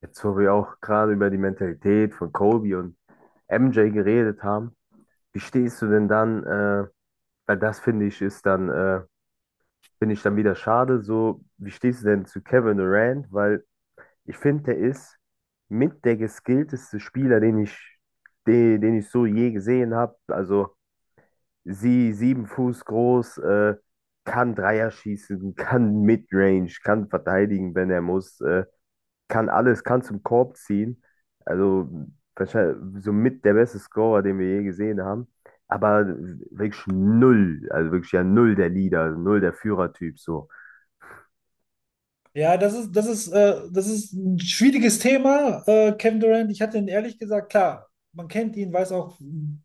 Jetzt, wo wir auch gerade über die Mentalität von Kobe und MJ geredet haben, wie stehst du denn dann, weil das finde ich ist dann, finde ich dann wieder schade, so, wie stehst du denn zu Kevin Durant? Weil ich finde, der ist mit der geskillteste Spieler, den ich so je gesehen habe. Also 7 Fuß groß, kann Dreier schießen, kann Midrange, kann verteidigen, wenn er muss. Kann alles, kann zum Korb ziehen. Also wahrscheinlich somit der beste Scorer, den wir je gesehen haben. Aber wirklich null, also wirklich ja null der Leader, null der Führertyp so. Ja, das ist, das ist ein schwieriges Thema, Kevin Durant. Ich hatte ihn ehrlich gesagt, klar, man kennt ihn, weiß auch,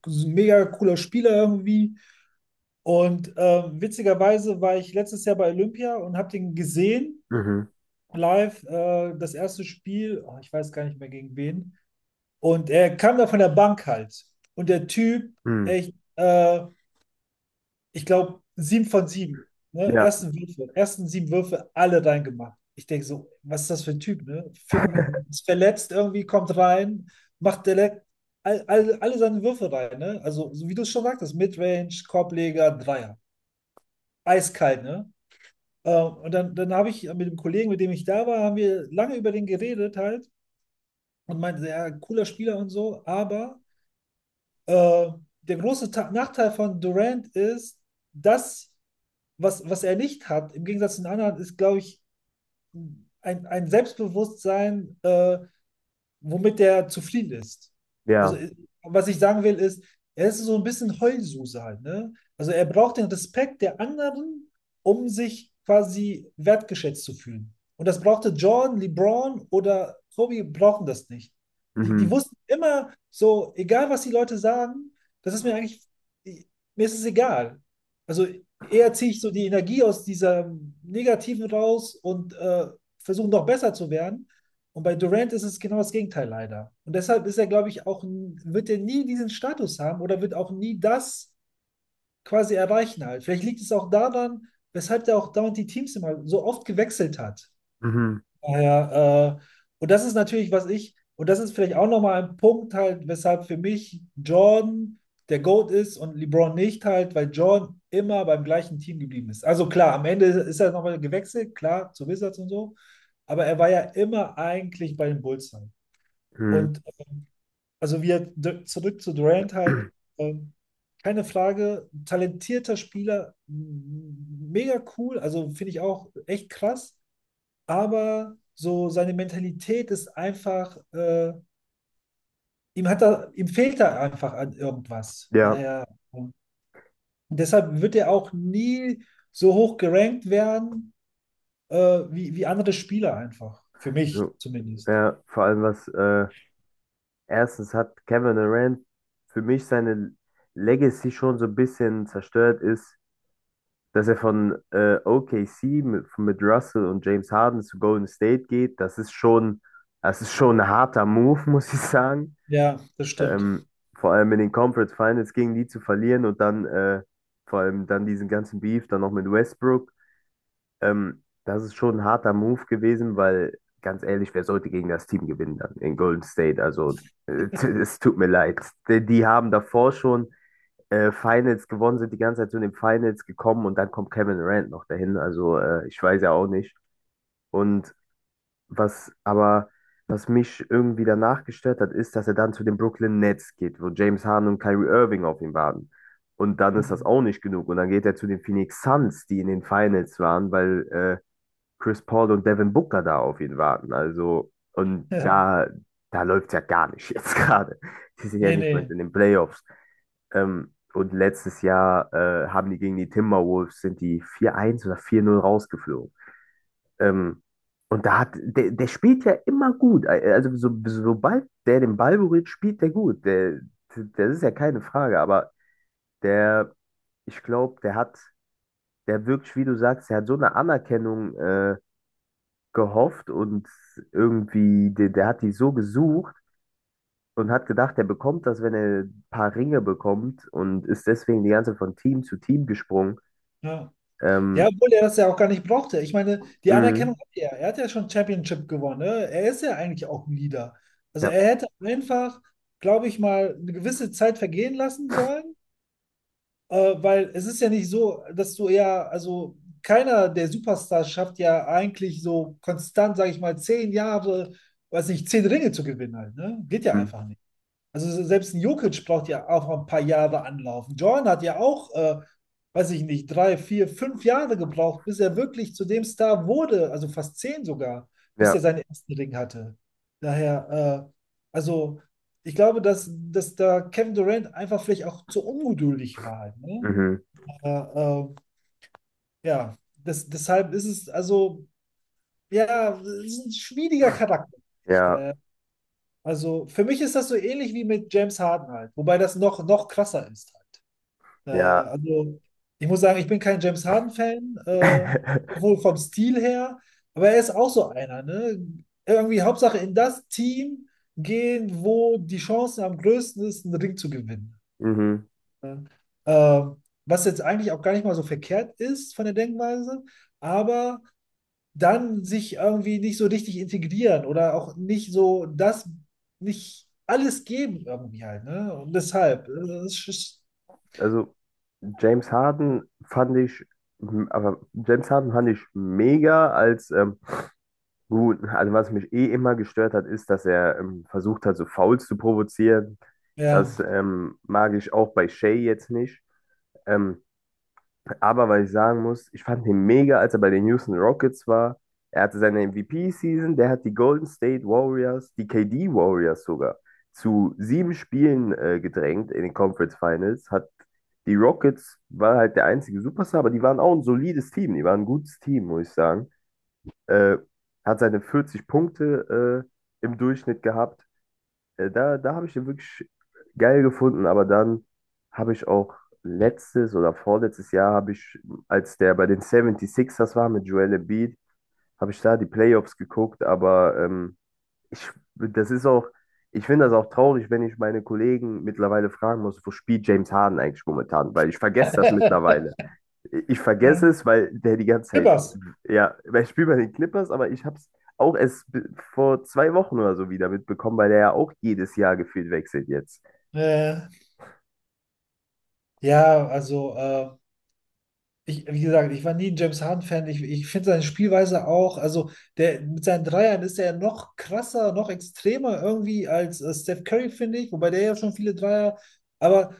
ist ein mega cooler Spieler irgendwie. Und witzigerweise war ich letztes Jahr bei Olympia und habe den gesehen, Mhm. live, das erste Spiel, oh, ich weiß gar nicht mehr gegen wen. Und er kam da von der Bank halt. Und der Typ, Mhm. echt, ich glaube, sieben von sieben. Ne? Ja, Ersten Würfe, ersten sieben Würfe, alle reingemacht. Ich denke so, was ist das für ein Typ, ne? Phänomenal. Ist verletzt irgendwie, kommt rein, macht direkt alle seine Würfe rein, ne? Also, so wie du es schon sagtest, Midrange, Korbleger, Dreier. Eiskalt, ne? Und dann, dann habe ich mit dem Kollegen, mit dem ich da war, haben wir lange über den geredet halt und meinte, ja, cooler Spieler und so, aber äh, der große Ta Nachteil von Durant ist, dass was, was er nicht hat, im Gegensatz zu den anderen, ist, glaube ich, ein Selbstbewusstsein, womit der zufrieden ist. Also, ja. Was ich sagen will, ist, er ist so ein bisschen Heulsuse halt, ne? Also, er braucht den Respekt der anderen, um sich quasi wertgeschätzt zu fühlen. Und das brauchte Jordan, LeBron oder Kobe brauchen das nicht. Die, die Mhm. wussten immer so, egal was die Leute sagen, das ist mir eigentlich, mir ist es egal. Also eher ziehe ich so die Energie aus dieser Negativen raus und versuche noch besser zu werden, und bei Durant ist es genau das Gegenteil leider. Und deshalb ist er, glaube ich, auch, wird er nie diesen Status haben oder wird auch nie das quasi erreichen halt. Vielleicht liegt es auch daran, weshalb er auch dauernd die Teams immer so oft gewechselt hat. Mhm. Daher, und das ist natürlich, was ich, und das ist vielleicht auch nochmal ein Punkt halt, weshalb für mich Jordan der GOAT ist und LeBron nicht halt, weil Jordan immer beim gleichen Team geblieben ist. Also klar, am Ende ist er nochmal gewechselt, klar, zu Wizards und so, aber er war ja immer eigentlich bei den Bulls halt. Mhm. Und also zurück zu Durant halt, ähm, keine Frage, talentierter Spieler, mega cool, also finde ich auch echt krass, aber so seine Mentalität ist einfach, ihm hat er ihm fehlt da einfach an irgendwas. Ja. Naja, und deshalb wird er auch nie so hoch gerankt werden, äh, wie, wie andere Spieler einfach, für mich So. zumindest. Ja, vor allem was, erstens hat Kevin Durant für mich seine Legacy schon so ein bisschen zerstört ist, dass er von OKC mit Russell und James Harden zu Golden State geht. Das ist schon, das ist schon ein harter Move, muss ich sagen. Ja, das stimmt. Ähm, Vor allem in den Conference Finals gegen die zu verlieren und dann vor allem dann diesen ganzen Beef dann noch mit Westbrook. Das ist schon ein harter Move gewesen, weil ganz ehrlich, wer sollte gegen das Team gewinnen dann in Golden State? Also es tut mir leid. Die haben davor schon Finals gewonnen, sind die ganze Zeit zu den Finals gekommen, und dann kommt Kevin Durant noch dahin. Also ich weiß ja auch nicht. Und was aber, was mich irgendwie danach gestört hat, ist, dass er dann zu den Brooklyn Nets geht, wo James Harden und Kyrie Irving auf ihn warten. Und dann ist das Mhm. auch nicht genug. Und dann geht er zu den Phoenix Suns, die in den Finals waren, weil Chris Paul und Devin Booker da auf ihn warten. Also, und da, da läuft ja gar nicht jetzt gerade. Die sind ja Nee, nicht mal nee. in den Playoffs. Und letztes Jahr haben die gegen die Timberwolves, sind die 4:1 oder 4:0 rausgeflogen. Ähm, und da hat, der, der spielt ja immer gut. Also so, sobald der den Ball berührt, spielt der gut. Der, das ist ja keine Frage, aber der, ich glaube, der hat, der wirklich, wie du sagst, der hat so eine Anerkennung gehofft und irgendwie, der hat die so gesucht und hat gedacht, der bekommt das, wenn er ein paar Ringe bekommt, und ist deswegen die ganze Zeit von Team zu Team gesprungen. Ja. Ja, Ähm, obwohl er das ja auch gar nicht brauchte. Ich meine, die Anerkennung mhm. hat er. Er hat ja schon Championship gewonnen. Ne? Er ist ja eigentlich auch ein Leader. Also Ja. er hätte einfach, glaube ich mal, eine gewisse Zeit vergehen lassen sollen, weil es ist ja nicht so, dass du ja, also keiner der Superstars schafft ja eigentlich so konstant, sage ich mal, zehn Jahre, weiß nicht, zehn Ringe zu gewinnen halt, ne? Geht ja Mhm. einfach also selbst ein Jokic braucht ja auch ein paar Jahre anlaufen. Jordan hat ja auch, weiß ich nicht, drei, vier, fünf Jahre gebraucht, bis er wirklich zu dem Star wurde, also fast zehn sogar, bis er Ja. seinen ersten Ring hatte. Daher, also ich glaube, dass da Kevin Durant einfach vielleicht auch zu ungeduldig war. Halt, ne? Mhm. Aber ja, das, deshalb ist es also, ja, es ist ein schwieriger Charakter. Ja. Daher, also für mich ist das so ähnlich wie mit James Harden halt, wobei das noch, noch krasser ist halt. Ja. Naja, also ich muss sagen, ich bin kein James Harden-Fan, sowohl vom Stil her, aber er ist auch so einer, ne? Irgendwie Hauptsache in das Team gehen, wo die Chancen am größten ist, einen Ring zu gewinnen. Mhm. Ne? Was jetzt eigentlich auch gar nicht mal so verkehrt ist von der Denkweise, aber dann sich irgendwie nicht so richtig integrieren oder auch nicht so das, nicht alles geben irgendwie halt, ne? Und deshalb, das ist, ist- Also James Harden fand ich, aber James Harden fand ich mega als gut. Also was mich eh immer gestört hat, ist, dass er versucht hat, so Fouls zu provozieren. ja. Das mag ich auch bei Shea jetzt nicht. Ähm, Aber weil ich sagen muss, ich fand ihn mega, als er bei den Houston Rockets war. Er hatte seine MVP-Season, der hat die Golden State Warriors, die KD Warriors sogar, zu 7 Spielen gedrängt in den Conference Finals. Hat die Rockets, war halt der einzige Superstar, aber die waren auch ein solides Team. Die waren ein gutes Team, muss ich sagen. Äh, Hat seine 40 Punkte im Durchschnitt gehabt. Da, da habe ich den wirklich geil gefunden, aber dann habe ich auch letztes oder vorletztes Jahr habe ich, als der bei den 76ers war mit Joel Embiid, habe ich da die Playoffs geguckt, aber ich, das ist auch, ich finde das auch traurig, wenn ich meine Kollegen mittlerweile fragen muss, wo spielt James Harden eigentlich momentan, weil ich vergesse das mittlerweile. Ich vergesse es, weil der die ganze Zeit Pippers. ja, weil ich spiele bei den Clippers, aber ich habe es auch erst vor 2 Wochen oder so wieder mitbekommen, weil der ja auch jedes Jahr gefühlt wechselt jetzt. Äh, ja, also, ich, wie gesagt, ich war nie ein James Harden-Fan. Ich finde seine Spielweise auch, also der mit seinen Dreiern ist er ja noch krasser, noch extremer irgendwie als Steph Curry, finde ich, wobei der ja schon viele Dreier, aber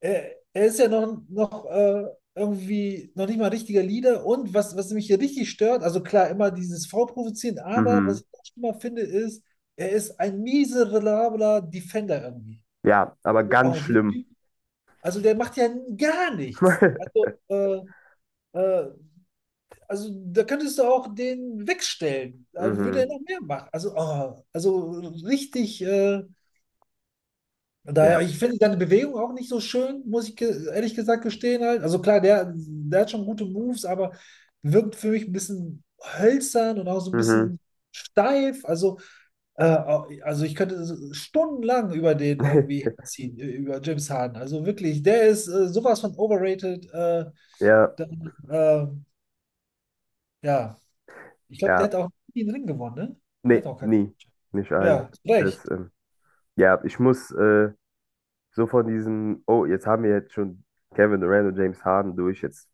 er ist ja noch, irgendwie noch nicht mal richtiger Leader. Und was, was mich hier richtig stört, also klar, immer dieses Vorprovozieren, aber was Mhm. ich auch schlimmer finde, ist, er ist ein miserabler Defender irgendwie. Ja, aber ganz Oh, der schlimm. Typ, also der macht ja gar nichts. Äh, also da könntest du auch den wegstellen. Da würde er Mhm. noch mehr machen. Also, oh, also richtig. Ja. Daher, ich finde seine Bewegung auch nicht so schön, muss ich ge ehrlich gesagt gestehen halt. Also klar, der, der hat schon gute Moves, aber wirkt für mich ein bisschen hölzern und auch so ein Mhm. bisschen steif. Äh, also ich könnte so stundenlang über den irgendwie ziehen, über James Harden. Also wirklich, der ist sowas von overrated. Ja, Dann, ja, ich glaube, der ja. hat auch nie einen Ring gewonnen, ne? Der Nee, hat auch keinen. nie. Nicht allen. Ja, zu Das, recht. Ja, ich muss so von diesem, oh, jetzt haben wir jetzt schon Kevin Durant und James Harden durch. Jetzt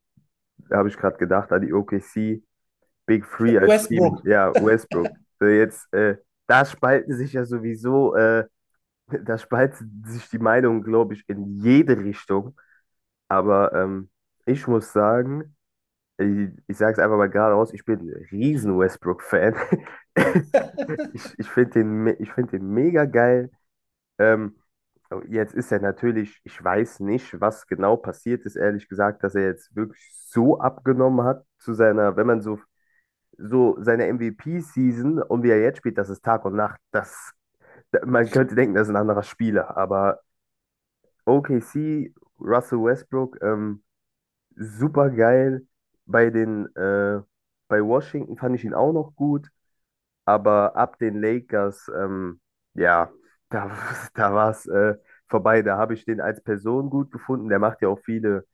habe ich gerade gedacht an die OKC. Big Three als Team, Westbrook. ja, Westbrook. So jetzt, da spalten sich ja sowieso, da spalten sich die Meinungen, glaube ich, in jede Richtung. Aber ich muss sagen, ich sage es einfach mal geradeaus, ich bin ein riesen Westbrook-Fan. Ich finde den, ich find den mega geil. Ähm, oh, jetzt ist er natürlich, ich weiß nicht, was genau passiert ist, ehrlich gesagt, dass er jetzt wirklich so abgenommen hat zu seiner, wenn man so seine MVP-Season und wie er jetzt spielt, das ist Tag und Nacht. Das, man könnte denken, das ist ein anderer Spieler, aber OKC, Russell Westbrook, super geil. Bei den, bei Washington fand ich ihn auch noch gut, aber ab den Lakers, ja, da, da war es vorbei. Da habe ich den als Person gut gefunden. Der macht ja auch viele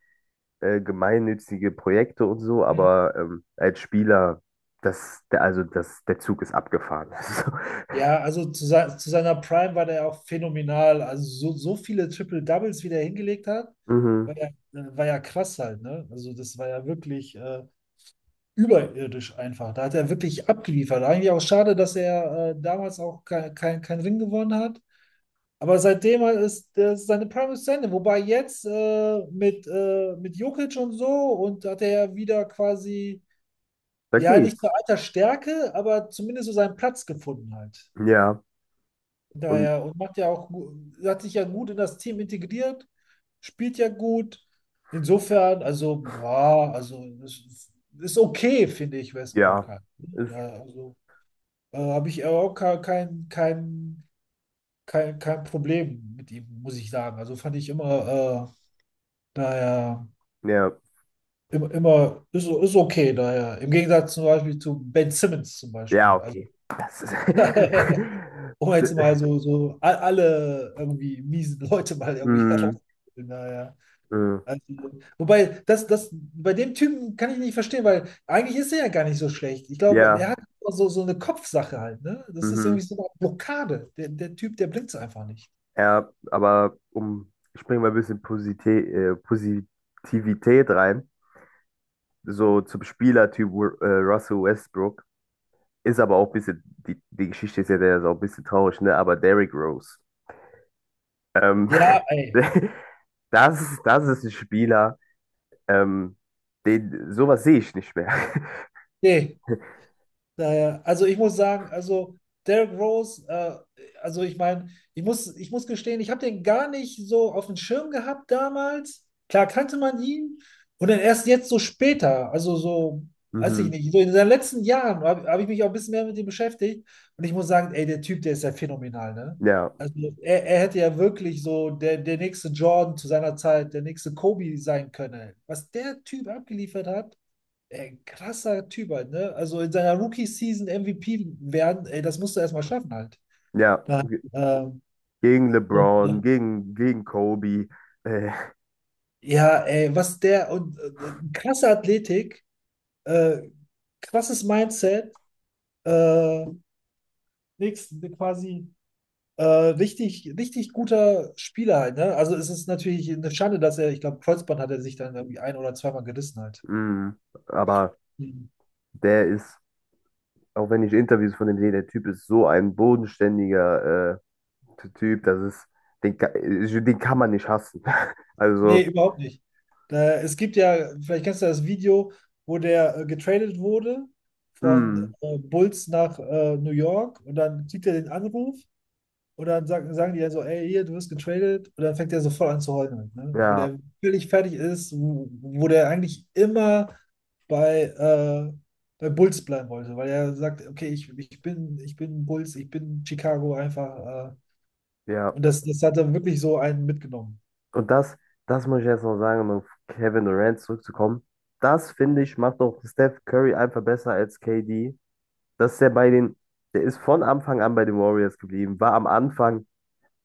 gemeinnützige Projekte und so, Hm. aber als Spieler, das, der, also das, der Zug ist abgefahren. Ja, also zu seiner Prime war der ja auch phänomenal. Also so, so viele Triple-Doubles, wie der hingelegt hat, Also, mhm, war ja, äh, war ja krass halt, ne? Also das war ja wirklich überirdisch einfach. Da hat er wirklich abgeliefert. Eigentlich auch schade, dass er damals auch kein Ring gewonnen hat. Aber seitdem ist, ist seine Prime ist zu Ende. Wobei jetzt mit Jokic und so und hat er ja wieder quasi, da ja, nicht geht's. nur alter Stärke, aber zumindest so seinen Platz gefunden halt. Ja, und Daher und macht ja auch, hat sich ja gut in das Team integriert, spielt ja gut. Insofern, also, boah, also es ist ist okay, finde ich, Westbrook ja, halt. ist, Ja, also habe ich auch kein Problem mit ihm, muss ich sagen. Also fand ich immer, daher, ja, immer, immer ist, ist okay, daher. Im Gegensatz zum Beispiel zu Ben Simmons zum ja, Beispiel. Also, okay. Das ist, um jetzt mal so, alle irgendwie miesen Leute mal irgendwie mm, herauszuholen. Naja. mm, Also, wobei, bei dem Typen kann ich nicht verstehen, weil eigentlich ist er ja gar nicht so schlecht. Ich glaube, er ja, hat so, so eine Kopfsache halt, ne? Das ist mhm, irgendwie so eine Blockade. Der, der Typ, der blinkt einfach nicht. ja, aber um, ich bringe mal ein bisschen Positivität rein. So zum Spielertyp Russell Westbrook. Ist aber auch ein bisschen, die Geschichte ist ja, der ist auch ein bisschen traurig, ne? Aber Derrick Rose, ähm, Ja, ey. das, das ist ein Spieler, ähm, den, sowas sehe ich nicht mehr. Nee. Naja, also ich muss sagen, also Derrick Rose, also ich meine, ich muss gestehen, ich habe den gar nicht so auf dem Schirm gehabt damals. Klar kannte man ihn und dann erst jetzt so später, also so, weiß ich Mhm. nicht, so in den letzten Jahren hab ich mich auch ein bisschen mehr mit ihm beschäftigt und ich muss sagen, ey, der Typ, der ist ja phänomenal, ne? Ja, Also er hätte ja wirklich so der, der nächste Jordan zu seiner Zeit, der nächste Kobe sein können. Was der Typ abgeliefert hat, ey, krasser Typ halt, ne? Also in seiner Rookie-Season MVP werden, ey, das musst du erstmal schaffen halt. ja. Da, ähm, Gegen und, LeBron, gegen Kobe. Äh, ja, ey, was der und krasse Athletik, äh, krasses Mindset, äh, nix, quasi richtig, richtig guter Spieler halt, ne? Also es ist natürlich eine Schade, dass er, ich glaube, Kreuzband hat er sich dann irgendwie ein oder zweimal gerissen halt. Mh. Aber der ist, auch wenn ich Interviews von dem sehe, der Typ ist so ein bodenständiger Typ, das ist, den, den kann man nicht hassen. Also, Nee, überhaupt nicht. Da, es gibt ja, vielleicht kennst du das Video, wo der getradet wurde von mh. Bulls nach New York und dann kriegt er den Anruf und dann sagen, sagen die ja so, ey, hier, du wirst getradet und dann fängt er so voll an zu heulen, ne? Wo Ja, der völlig fertig ist, wo, wo der eigentlich immer bei, bei Bulls bleiben wollte, weil er sagt, okay, ich, ich bin Bulls, ich bin Chicago einfach ja. und das, das hat er wirklich so einen mitgenommen. Und das, das muss ich jetzt noch sagen, um auf Kevin Durant zurückzukommen. Das, finde ich, macht auch Steph Curry einfach besser als KD. Dass der bei den, der ist von Anfang an bei den Warriors geblieben, war am Anfang,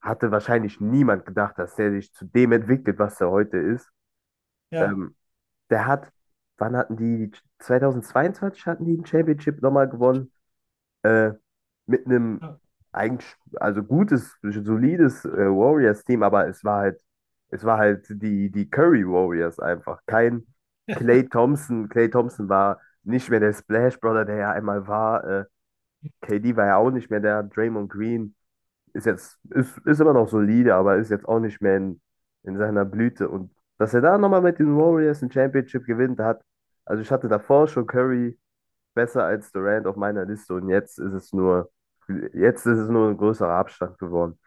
hatte wahrscheinlich niemand gedacht, dass der sich zu dem entwickelt, was er heute ist. Ja. Ähm, Der hat, wann hatten die, 2022 hatten die ein Championship nochmal gewonnen? äh, mit einem eigentlich, also gutes, solides Warriors-Team, aber es war halt die, die Curry Warriors einfach. Kein Klay Thompson. Klay Thompson war nicht mehr der Splash Brother, der ja einmal war. KD war ja auch nicht mehr der. Draymond Green ist jetzt, ist immer noch solide, aber ist jetzt auch nicht mehr in, seiner Blüte. Und dass er da nochmal mit den Warriors ein Championship gewinnt hat, also ich hatte davor schon Curry besser als Durant auf meiner Liste, und jetzt ist es nur, jetzt ist es nur ein größerer Abstand geworden.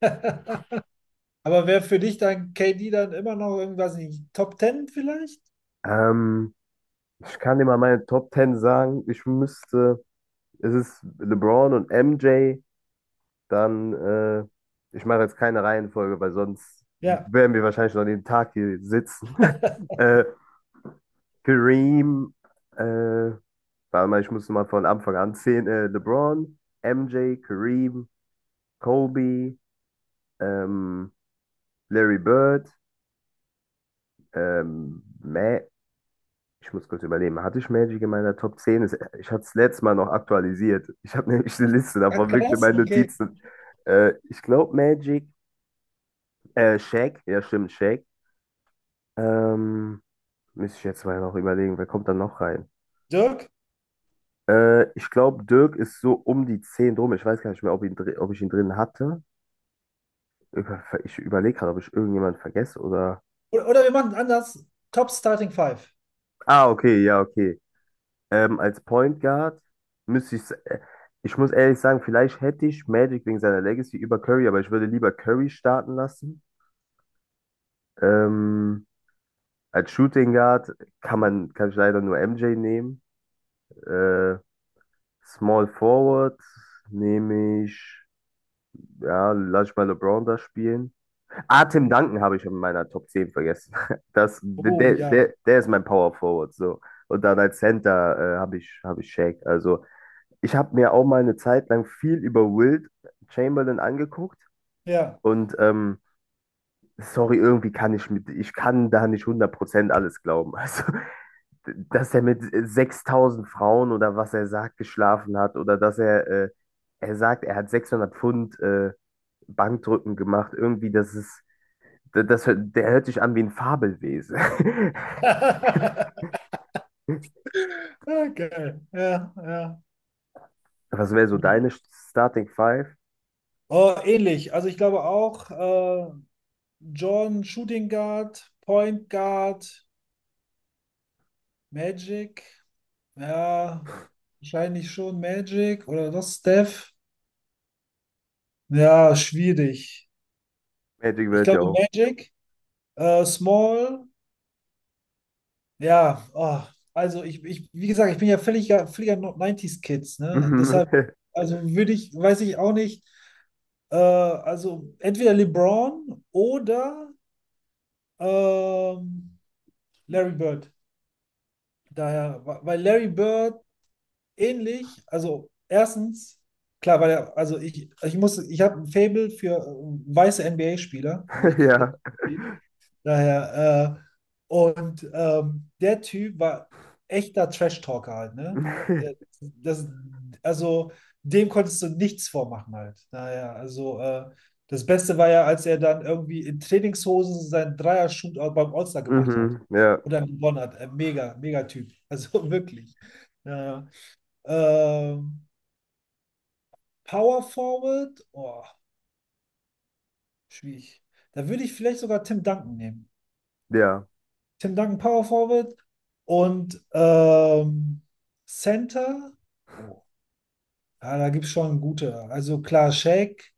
Ja. Aber wäre für dich dann KD dann immer noch irgendwas nicht Top Ten vielleicht? Ähm, Ich kann dir mal meine Top 10 sagen. Ich müsste, es ist LeBron und MJ, dann, ich mache jetzt keine Reihenfolge, weil sonst Ja. werden wir wahrscheinlich noch den Tag hier sitzen. äh, Kareem, äh, warte mal, ich muss mal von Anfang an zählen. LeBron, MJ, Kareem, Kobe, ähm, Larry Bird, Ma ich muss kurz überlegen, hatte ich Magic in meiner Top 10? Ich hatte es letztes Mal noch aktualisiert. Ich habe nämlich eine Liste Ah, davon, wirklich in krass, meinen okay. Notizen. Ich glaube Magic, Shaq, ja stimmt, Shaq. Ähm, Müsste ich jetzt mal noch überlegen, wer kommt da noch rein? Dirk? Ich glaube, Dirk ist so um die 10 drum. Ich weiß gar nicht mehr, ob, ihn, ob ich ihn drin hatte. Ich überlege gerade, ob ich irgendjemanden vergesse oder. Oder wir machen anders. Top Starting Five. Ah, okay, ja, okay. Als Point Guard müsste ich, ich muss ehrlich sagen, vielleicht hätte ich Magic wegen seiner Legacy über Curry, aber ich würde lieber Curry starten lassen. Ähm, Als Shooting Guard kann man, kann ich leider nur MJ nehmen. Äh, Small Forward nehme ich, ja, lass ich mal LeBron da spielen. Ah, Tim Duncan habe ich in meiner Top 10 vergessen. Das, Oh der, ja. der, der ist mein Power Forward, so. Und dann als Center, habe ich, Shaq. Also, ich habe mir auch mal eine Zeit lang viel über Wilt Chamberlain angeguckt Ja. und sorry, irgendwie kann ich mit, ich kann da nicht 100% alles glauben. Also, dass er mit 6.000 Frauen oder was er sagt, geschlafen hat, oder dass er, er sagt, er hat 600 Pfund Bankdrücken gemacht, irgendwie, das ist, das, das, der hört sich an wie ein Fabelwesen. Okay. Ja, ja. Was wäre so Mhm. deine Starting Five? Oh, ähnlich. Also ich glaube auch, John Shooting Guard, Point Guard, Magic. Ja, wahrscheinlich schon Magic oder doch Steph. Ja, schwierig. Magic Ich wird ja glaube auch. Magic. Small, ja, ah, also ich, wie gesagt, ich bin ja völliger, völliger 90s-Kids, ne? Deshalb, also würde ich, weiß ich auch nicht, also entweder LeBron oder ähm, Larry Bird. Daher, weil Larry Bird ähnlich, also erstens, klar, weil er, also ich habe ein Faible für weiße NBA-Spieler, muss ich Ja. Daher, und der Typ war echter Trash-Talker halt, ne? Der, das, also dem konntest du nichts vormachen halt. Daher, also das Beste war ja, als er dann irgendwie in Trainingshosen seinen Dreier-Shootout beim All-Star gemacht hat. Mhm. Ja. Und dann gewonnen hat. Mega, mega Typ. Also wirklich. Naja. Ähm, Power Forward, oh, schwierig. Da würde ich vielleicht sogar Tim Duncan nehmen. Ja. Tim Duncan Power Forward und Center. Oh. Ja, da gibt es schon gute. Also klar, Shaq.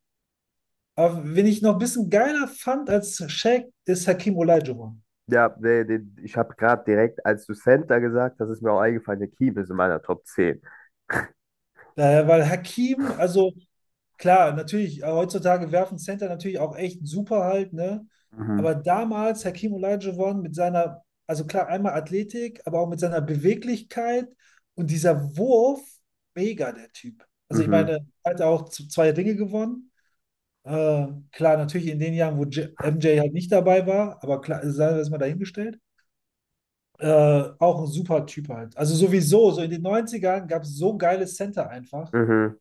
Aber wen ich noch ein bisschen geiler fand als Shaq, ist Hakim Olajuwon. Ja, nee, den, ich habe gerade direkt, als du Center gesagt hast, ist mir auch eingefallen, der Keem ist in meiner Top 10. Daher, weil Hakim, also klar, natürlich, heutzutage werfen Center natürlich auch echt super halt, ne? Mhm, Aber damals Hakeem Olajuwon mit seiner, also klar, einmal Athletik, aber auch mit seiner Beweglichkeit und dieser Wurf, mega der Typ. Also ich mhm, meine, hat er auch zwei Dinge gewonnen. Klar, natürlich in den Jahren, wo J MJ halt nicht dabei war, aber klar, sei das mal dahingestellt. Äh, auch ein super Typ halt. Also sowieso, so in den Neunzigern gab es so geile Center einfach. mhm,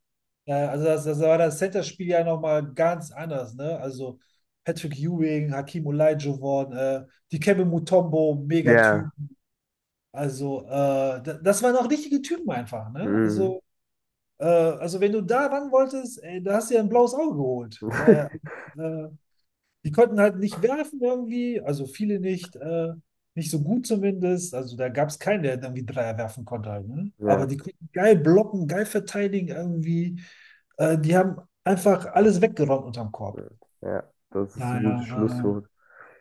Ja, also das, das war das Center-Spiel ja nochmal ganz anders, ne? Also Patrick Ewing, Hakeem Olajuwon, Dikembe Mutombo, ja, Megatypen. Also das waren auch richtige Typen einfach, ne? mhm. Also wenn du da ran wolltest, ey, da hast du ja ein blaues Auge geholt. Daher, äh, die konnten halt nicht werfen irgendwie, also viele nicht, nicht so gut zumindest. Also da gab es keinen, der irgendwie Dreier werfen konnte halt, ne? Aber Ja, die konnten geil blocken, geil verteidigen irgendwie. Die haben einfach alles weggeräumt unterm Korb. ja, das ist ein gutes Daher, Schlusswort.